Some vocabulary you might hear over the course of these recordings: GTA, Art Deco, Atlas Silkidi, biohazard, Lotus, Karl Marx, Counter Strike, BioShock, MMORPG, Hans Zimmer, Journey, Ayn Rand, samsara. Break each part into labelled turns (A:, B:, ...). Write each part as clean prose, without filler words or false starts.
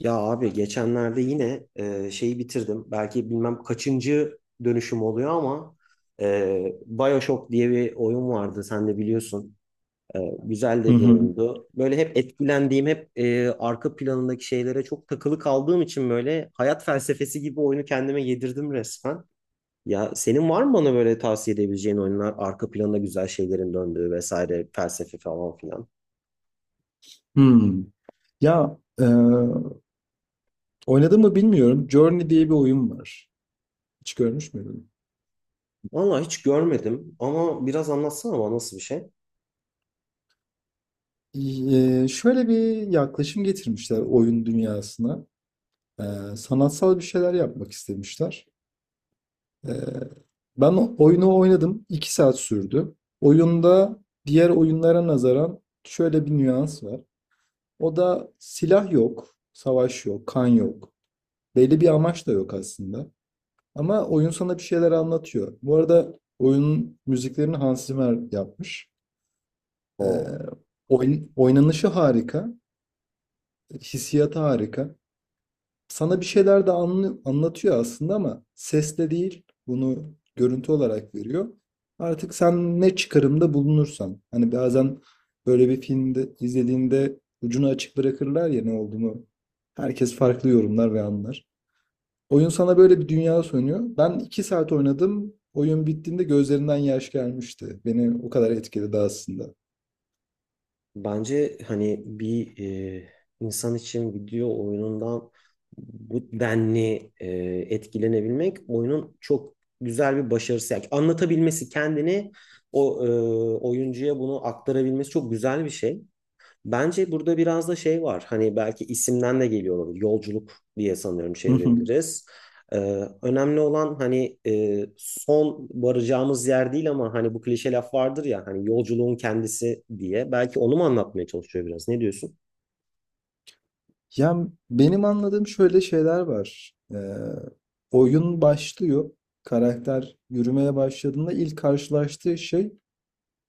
A: Ya abi geçenlerde yine şeyi bitirdim. Belki bilmem kaçıncı dönüşüm oluyor ama BioShock diye bir oyun vardı. Sen de biliyorsun. Güzel
B: Hı
A: de bir
B: hı.
A: oyundu. Böyle hep etkilendiğim, hep arka planındaki şeylere çok takılı kaldığım için böyle hayat felsefesi gibi oyunu kendime yedirdim resmen. Ya senin var mı bana böyle tavsiye edebileceğin oyunlar, arka planda güzel şeylerin döndüğü vesaire, felsefe falan filan?
B: Hımm. Ya, oynadım mı bilmiyorum. Journey diye bir oyun var. Hiç görmüş müydün?
A: Vallahi hiç görmedim ama biraz anlatsana bana nasıl bir şey?
B: Şöyle bir yaklaşım getirmişler oyun dünyasına. Sanatsal bir şeyler yapmak istemişler. Eee, Ben o oyunu oynadım. 2 saat sürdü. Oyunda diğer oyunlara nazaran şöyle bir nüans var. O da silah yok, savaş yok, kan yok. Belli bir amaç da yok aslında. Ama oyun sana bir şeyler anlatıyor. Bu arada oyunun müziklerini Hans Zimmer yapmış. Ee,
A: Oo.
B: Oyun, oynanışı harika, hissiyatı harika. Sana bir şeyler de anlatıyor aslında ama sesle değil, bunu görüntü olarak veriyor. Artık sen ne çıkarımda bulunursan, hani bazen böyle bir filmde izlediğinde ucunu açık bırakırlar ya ne olduğunu. Herkes farklı yorumlar ve anlar. Oyun sana böyle bir dünya sunuyor. Ben 2 saat oynadım. Oyun bittiğinde gözlerinden yaş gelmişti. Beni o kadar etkiledi aslında.
A: Bence hani bir e, insan için video oyunundan bu denli etkilenebilmek oyunun çok güzel bir başarısı. Yani anlatabilmesi kendini o oyuncuya bunu aktarabilmesi çok güzel bir şey. Bence burada biraz da şey var. Hani belki isimden de geliyor olabilir. Yolculuk diye sanıyorum
B: Hı hı.
A: çevirebiliriz. Ee, önemli olan hani son varacağımız yer değil ama hani bu klişe laf vardır ya hani yolculuğun kendisi diye. Belki onu mu anlatmaya çalışıyor biraz? Ne diyorsun?
B: Ya benim anladığım şöyle şeyler var. Oyun başlıyor. Karakter yürümeye başladığında ilk karşılaştığı şey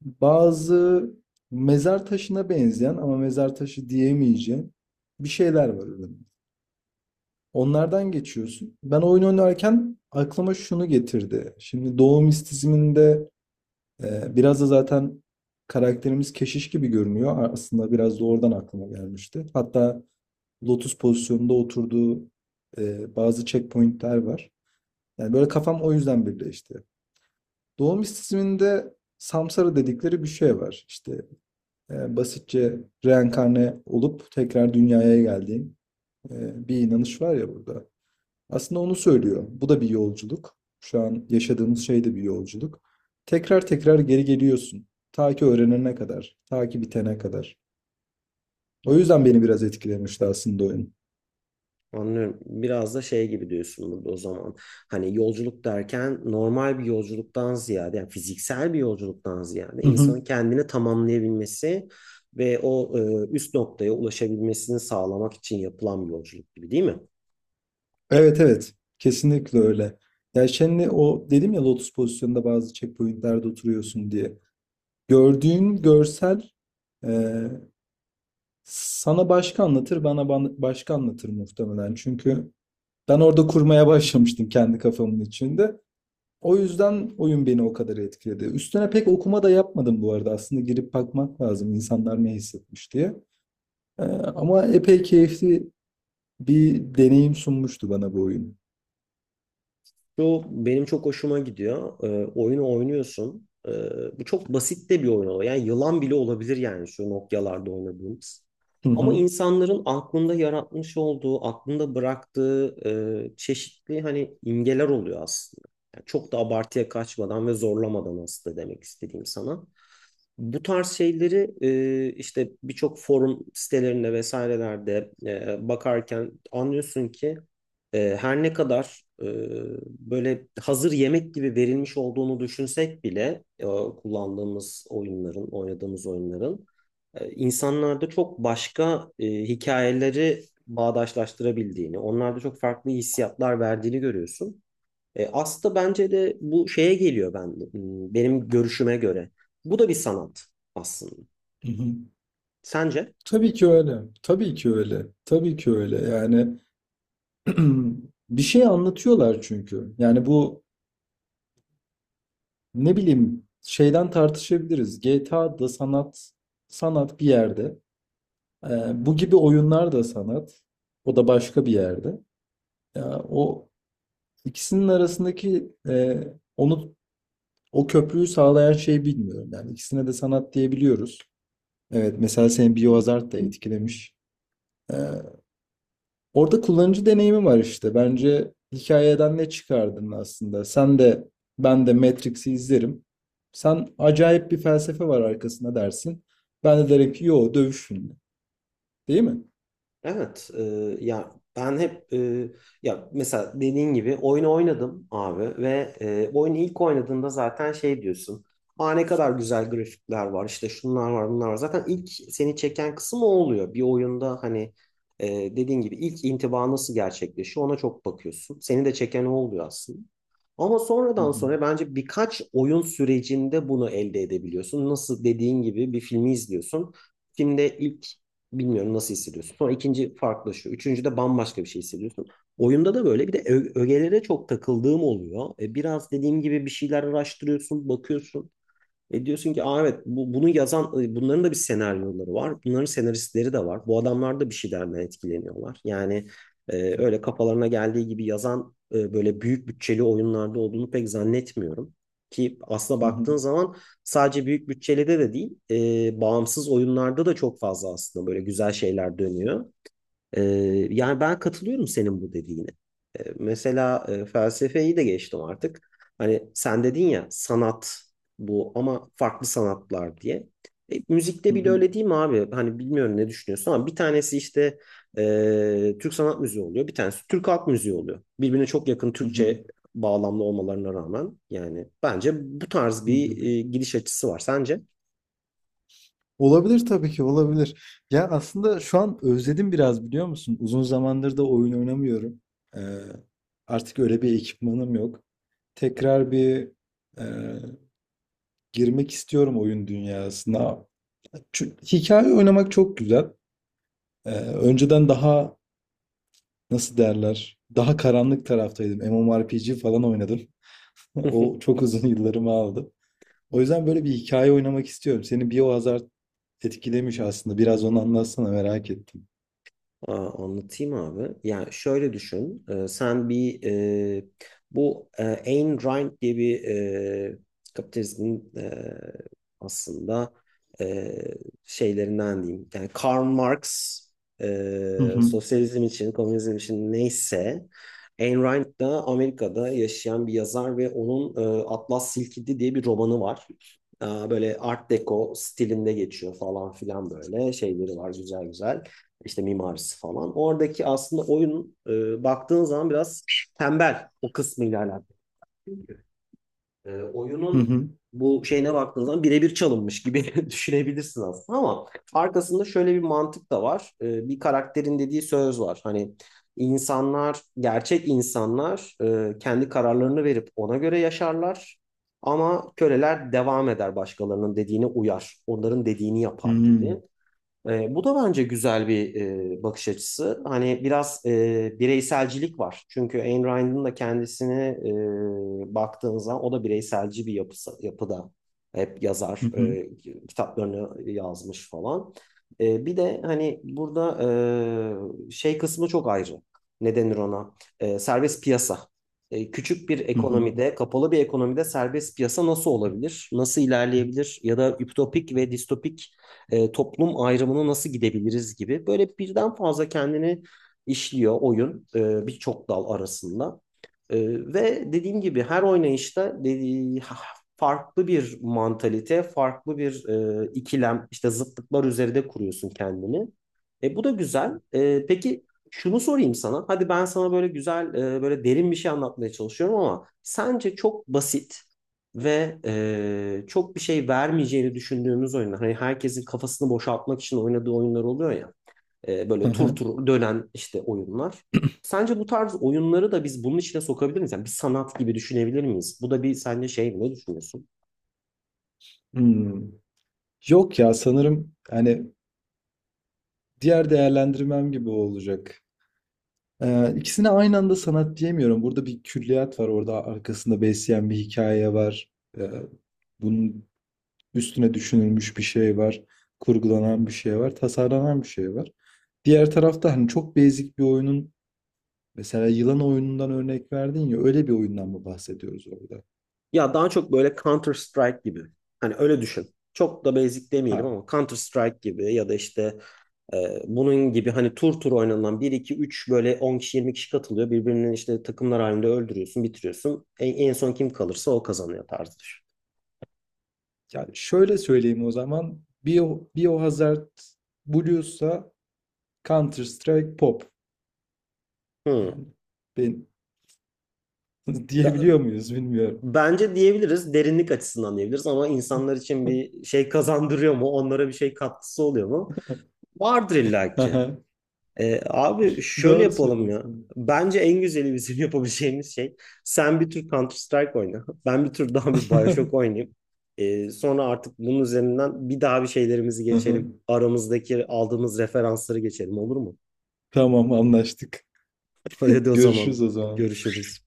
B: bazı mezar taşına benzeyen ama mezar taşı diyemeyeceğim bir şeyler var önünde. Onlardan geçiyorsun. Ben oyun oynarken aklıma şunu getirdi. Şimdi doğum istizminde biraz da zaten karakterimiz keşiş gibi görünüyor. Aslında biraz da oradan aklıma gelmişti. Hatta Lotus pozisyonunda oturduğu bazı checkpointler var. Yani böyle kafam o yüzden birleşti. Doğu mistisizminde samsara dedikleri bir şey var. İşte basitçe reenkarne olup tekrar dünyaya geldiğin bir inanış var ya burada. Aslında onu söylüyor. Bu da bir yolculuk. Şu an yaşadığımız şey de bir yolculuk. Tekrar tekrar geri geliyorsun. Ta ki öğrenene kadar, ta ki bitene kadar.
A: Hı.
B: O yüzden beni biraz etkilemişti aslında oyun.
A: Anlıyorum. Biraz da şey gibi diyorsun burada o zaman. Hani yolculuk derken normal bir yolculuktan ziyade, yani fiziksel bir yolculuktan ziyade
B: Hı hı.
A: insanın kendini tamamlayabilmesi ve o üst noktaya ulaşabilmesini sağlamak için yapılan bir yolculuk gibi değil mi?
B: Evet, evet, kesinlikle öyle. Ya şimdi o dedim ya lotus pozisyonunda bazı checkpointlerde oturuyorsun diye. Gördüğün görsel e, sana başka anlatır, bana başka anlatır muhtemelen. Çünkü ben orada kurmaya başlamıştım kendi kafamın içinde. O yüzden oyun beni o kadar etkiledi. Üstüne pek okuma da yapmadım bu arada. Aslında girip bakmak lazım insanlar ne hissetmiş diye. Ama epey keyifli bir deneyim sunmuştu bana bu oyun.
A: Şu benim çok hoşuma gidiyor. Oyunu oynuyorsun. Bu çok basit de bir oyun oluyor. Yani yılan bile olabilir, yani şu Nokia'larda oynadığımız.
B: Hı
A: Ama
B: hı,
A: insanların aklında yaratmış olduğu, aklında bıraktığı çeşitli hani imgeler oluyor aslında. Yani çok da abartıya kaçmadan ve zorlamadan aslında demek istediğim sana. Bu tarz şeyleri işte birçok forum sitelerinde vesairelerde bakarken anlıyorsun ki her ne kadar böyle hazır yemek gibi verilmiş olduğunu düşünsek bile kullandığımız oyunların, oynadığımız oyunların insanlarda çok başka hikayeleri bağdaşlaştırabildiğini, onlarda çok farklı hissiyatlar verdiğini görüyorsun. Aslında bence de bu şeye geliyor, benim görüşüme göre. Bu da bir sanat aslında.
B: hı hı.
A: Sence?
B: Tabii ki öyle. Tabii ki öyle. Tabii ki öyle. Yani bir şey anlatıyorlar çünkü. Yani bu ne bileyim şeyden tartışabiliriz. GTA da sanat, sanat bir yerde. Bu gibi oyunlar da sanat. O da başka bir yerde. Ya, o İkisinin arasındaki, onu o köprüyü sağlayan şeyi bilmiyorum. Yani ikisine de sanat diyebiliyoruz. Evet, mesela senin biohazard da etkilemiş. E, Orada kullanıcı deneyimi var işte. Bence hikayeden ne çıkardın aslında? Sen de ben de Matrix'i izlerim. Sen acayip bir felsefe var arkasında dersin. Ben de derim ki yo, dövüş filmi. Değil mi?
A: Evet. Ya ben hep ya mesela dediğin gibi oyunu oynadım abi ve oyunu ilk oynadığında zaten şey diyorsun. Aa, ne kadar güzel grafikler var, işte şunlar var bunlar var. Zaten ilk seni çeken kısım o oluyor. Bir oyunda hani e, dediğin gibi ilk intiba nasıl gerçekleşiyor, ona çok bakıyorsun. Seni de çeken o oluyor aslında. Ama
B: Hı
A: sonradan
B: hı.
A: sonra bence birkaç oyun sürecinde bunu elde edebiliyorsun. Nasıl dediğin gibi bir filmi izliyorsun. Filmde ilk bilmiyorum nasıl hissediyorsun. Sonra ikinci farklılaşıyor. Üçüncü de bambaşka bir şey hissediyorsun. Oyunda da böyle bir de ögelere çok takıldığım oluyor. Biraz dediğim gibi bir şeyler araştırıyorsun, bakıyorsun. E, diyorsun ki aa, evet bunu yazan bunların da bir senaryoları var. Bunların senaristleri de var. Bu adamlar da bir şeylerden etkileniyorlar. Yani öyle kafalarına geldiği gibi yazan böyle büyük bütçeli oyunlarda olduğunu pek zannetmiyorum. Ki aslına
B: Hı hı.
A: baktığın zaman sadece büyük bütçeli de değil, bağımsız oyunlarda da çok fazla aslında böyle güzel şeyler dönüyor. Ee, yani ben katılıyorum senin bu dediğine. Mesela felsefeyi de geçtim artık. Hani sen dedin ya, sanat bu ama farklı sanatlar diye. E,
B: Hı
A: müzikte bile
B: hı.
A: öyle değil mi abi? Hani bilmiyorum ne düşünüyorsun ama bir tanesi işte Türk sanat müziği oluyor. Bir tanesi Türk halk müziği oluyor. Birbirine çok yakın,
B: Hı hı.
A: Türkçe bağlamlı olmalarına rağmen yani bence bu tarz
B: Hı
A: bir
B: hı.
A: gidiş açısı var. Sence?
B: Olabilir, tabii ki olabilir. Ya aslında şu an özledim biraz, biliyor musun? Uzun zamandır da oyun oynamıyorum. Ee, Artık öyle bir ekipmanım yok. Tekrar bir e, girmek istiyorum oyun dünyasına. Çünkü hikaye oynamak çok güzel. Önceden daha nasıl derler? Daha karanlık taraftaydım. MMORPG falan oynadım. O çok uzun yıllarımı aldı. O yüzden böyle bir hikaye oynamak istiyorum. Seni Biohazard etkilemiş aslında. Biraz onu anlatsana, merak ettim.
A: Aa, anlatayım abi. Yani şöyle düşün. Sen bir e, bu Ayn Rand diye bir kapitalizmin aslında e, şeylerinden diyeyim. Yani Karl Marx
B: Hı hı.
A: sosyalizm için, komünizm için neyse, Ayn Rand da Amerika'da yaşayan bir yazar ve onun Atlas Silkidi diye bir romanı var. Aa, böyle Art Deco stilinde geçiyor falan filan, böyle şeyleri var, güzel güzel işte mimarisi falan. Oradaki aslında oyun, baktığın zaman, biraz tembel o kısmıyla alakalı. E,
B: Hı
A: oyunun
B: hı.
A: bu şeyine baktığın zaman birebir çalınmış gibi düşünebilirsin aslında, ama arkasında şöyle bir mantık da var. Bir karakterin dediği söz var. Hani insanlar, gerçek insanlar kendi kararlarını verip ona göre yaşarlar. Ama köleler devam eder, başkalarının dediğine uyar. Onların dediğini yapar gibi.
B: Hımm.
A: Bu da bence güzel bir bakış açısı. Hani biraz bireyselcilik var. Çünkü Ayn Rand'ın da kendisini baktığınız zaman o da bireyselci bir yapısı, yapıda. Hep
B: Hı
A: yazar,
B: hı.
A: kitaplarını yazmış falan. Bir de hani burada şey kısmı çok ayrı. Ne denir ona? Serbest piyasa. Küçük bir
B: Hı hı.
A: ekonomide, kapalı bir ekonomide serbest piyasa nasıl olabilir? Nasıl ilerleyebilir? Ya da ütopik ve distopik toplum ayrımını nasıl gidebiliriz gibi. Böyle birden fazla kendini işliyor oyun, birçok dal arasında. E, ve dediğim gibi her oynayışta dediği, farklı bir mantalite, farklı bir ikilem, işte zıtlıklar üzerinde kuruyorsun kendini. Bu da güzel. Peki şunu sorayım sana. Hadi ben sana böyle güzel, böyle derin bir şey anlatmaya çalışıyorum ama sence çok basit ve çok bir şey vermeyeceğini düşündüğümüz oyunlar. Hani herkesin kafasını boşaltmak için oynadığı oyunlar oluyor ya. E,
B: Hı
A: böyle tur
B: hı.
A: tur dönen işte oyunlar. Sence bu tarz oyunları da biz bunun içine sokabilir miyiz? Yani bir sanat gibi düşünebilir miyiz? Bu da bir, sence şey, ne düşünüyorsun?
B: Hımm. Yok ya, sanırım, hani, diğer değerlendirmem gibi olacak. İkisine aynı anda sanat diyemiyorum. Burada bir külliyat var, orada arkasında besleyen bir hikaye var. Eee, Bunun üstüne düşünülmüş bir şey var, kurgulanan bir şey var, tasarlanan bir şey var. Diğer tarafta, hani, çok basic bir oyunun, mesela yılan oyunundan örnek verdin ya, öyle bir oyundan mı bahsediyoruz orada?
A: Ya daha çok böyle Counter Strike gibi. Hani öyle düşün. Çok da basic demeyelim
B: Ha.
A: ama Counter Strike gibi, ya da işte bunun gibi, hani tur tur oynanılan, bir 2 üç, böyle 10 kişi 20 kişi katılıyor. Birbirinin, işte takımlar halinde, öldürüyorsun, bitiriyorsun. En son kim kalırsa o kazanıyor tarzıdır.
B: Yani şöyle söyleyeyim o zaman. Biohazard Blues'a, Counter Strike Pop.
A: Hmm.
B: Yani ben
A: Da-
B: diyebiliyor muyuz bilmiyorum.
A: bence diyebiliriz. Derinlik açısından diyebiliriz ama insanlar için bir şey kazandırıyor mu? Onlara bir şey katkısı oluyor mu? Vardır illaki.
B: Aha,
A: Abi şöyle
B: doğru
A: yapalım ya.
B: söylüyorsun.
A: Bence en güzeli bizim yapabileceğimiz şey, sen bir tur Counter Strike oyna. Ben bir tur daha bir BioShock oynayayım. Sonra artık bunun üzerinden bir daha bir şeylerimizi
B: Aha,
A: geçelim. Aramızdaki aldığımız referansları geçelim, olur mu?
B: tamam, anlaştık.
A: Hadi o
B: Görüşürüz
A: zaman
B: o zaman.
A: görüşürüz.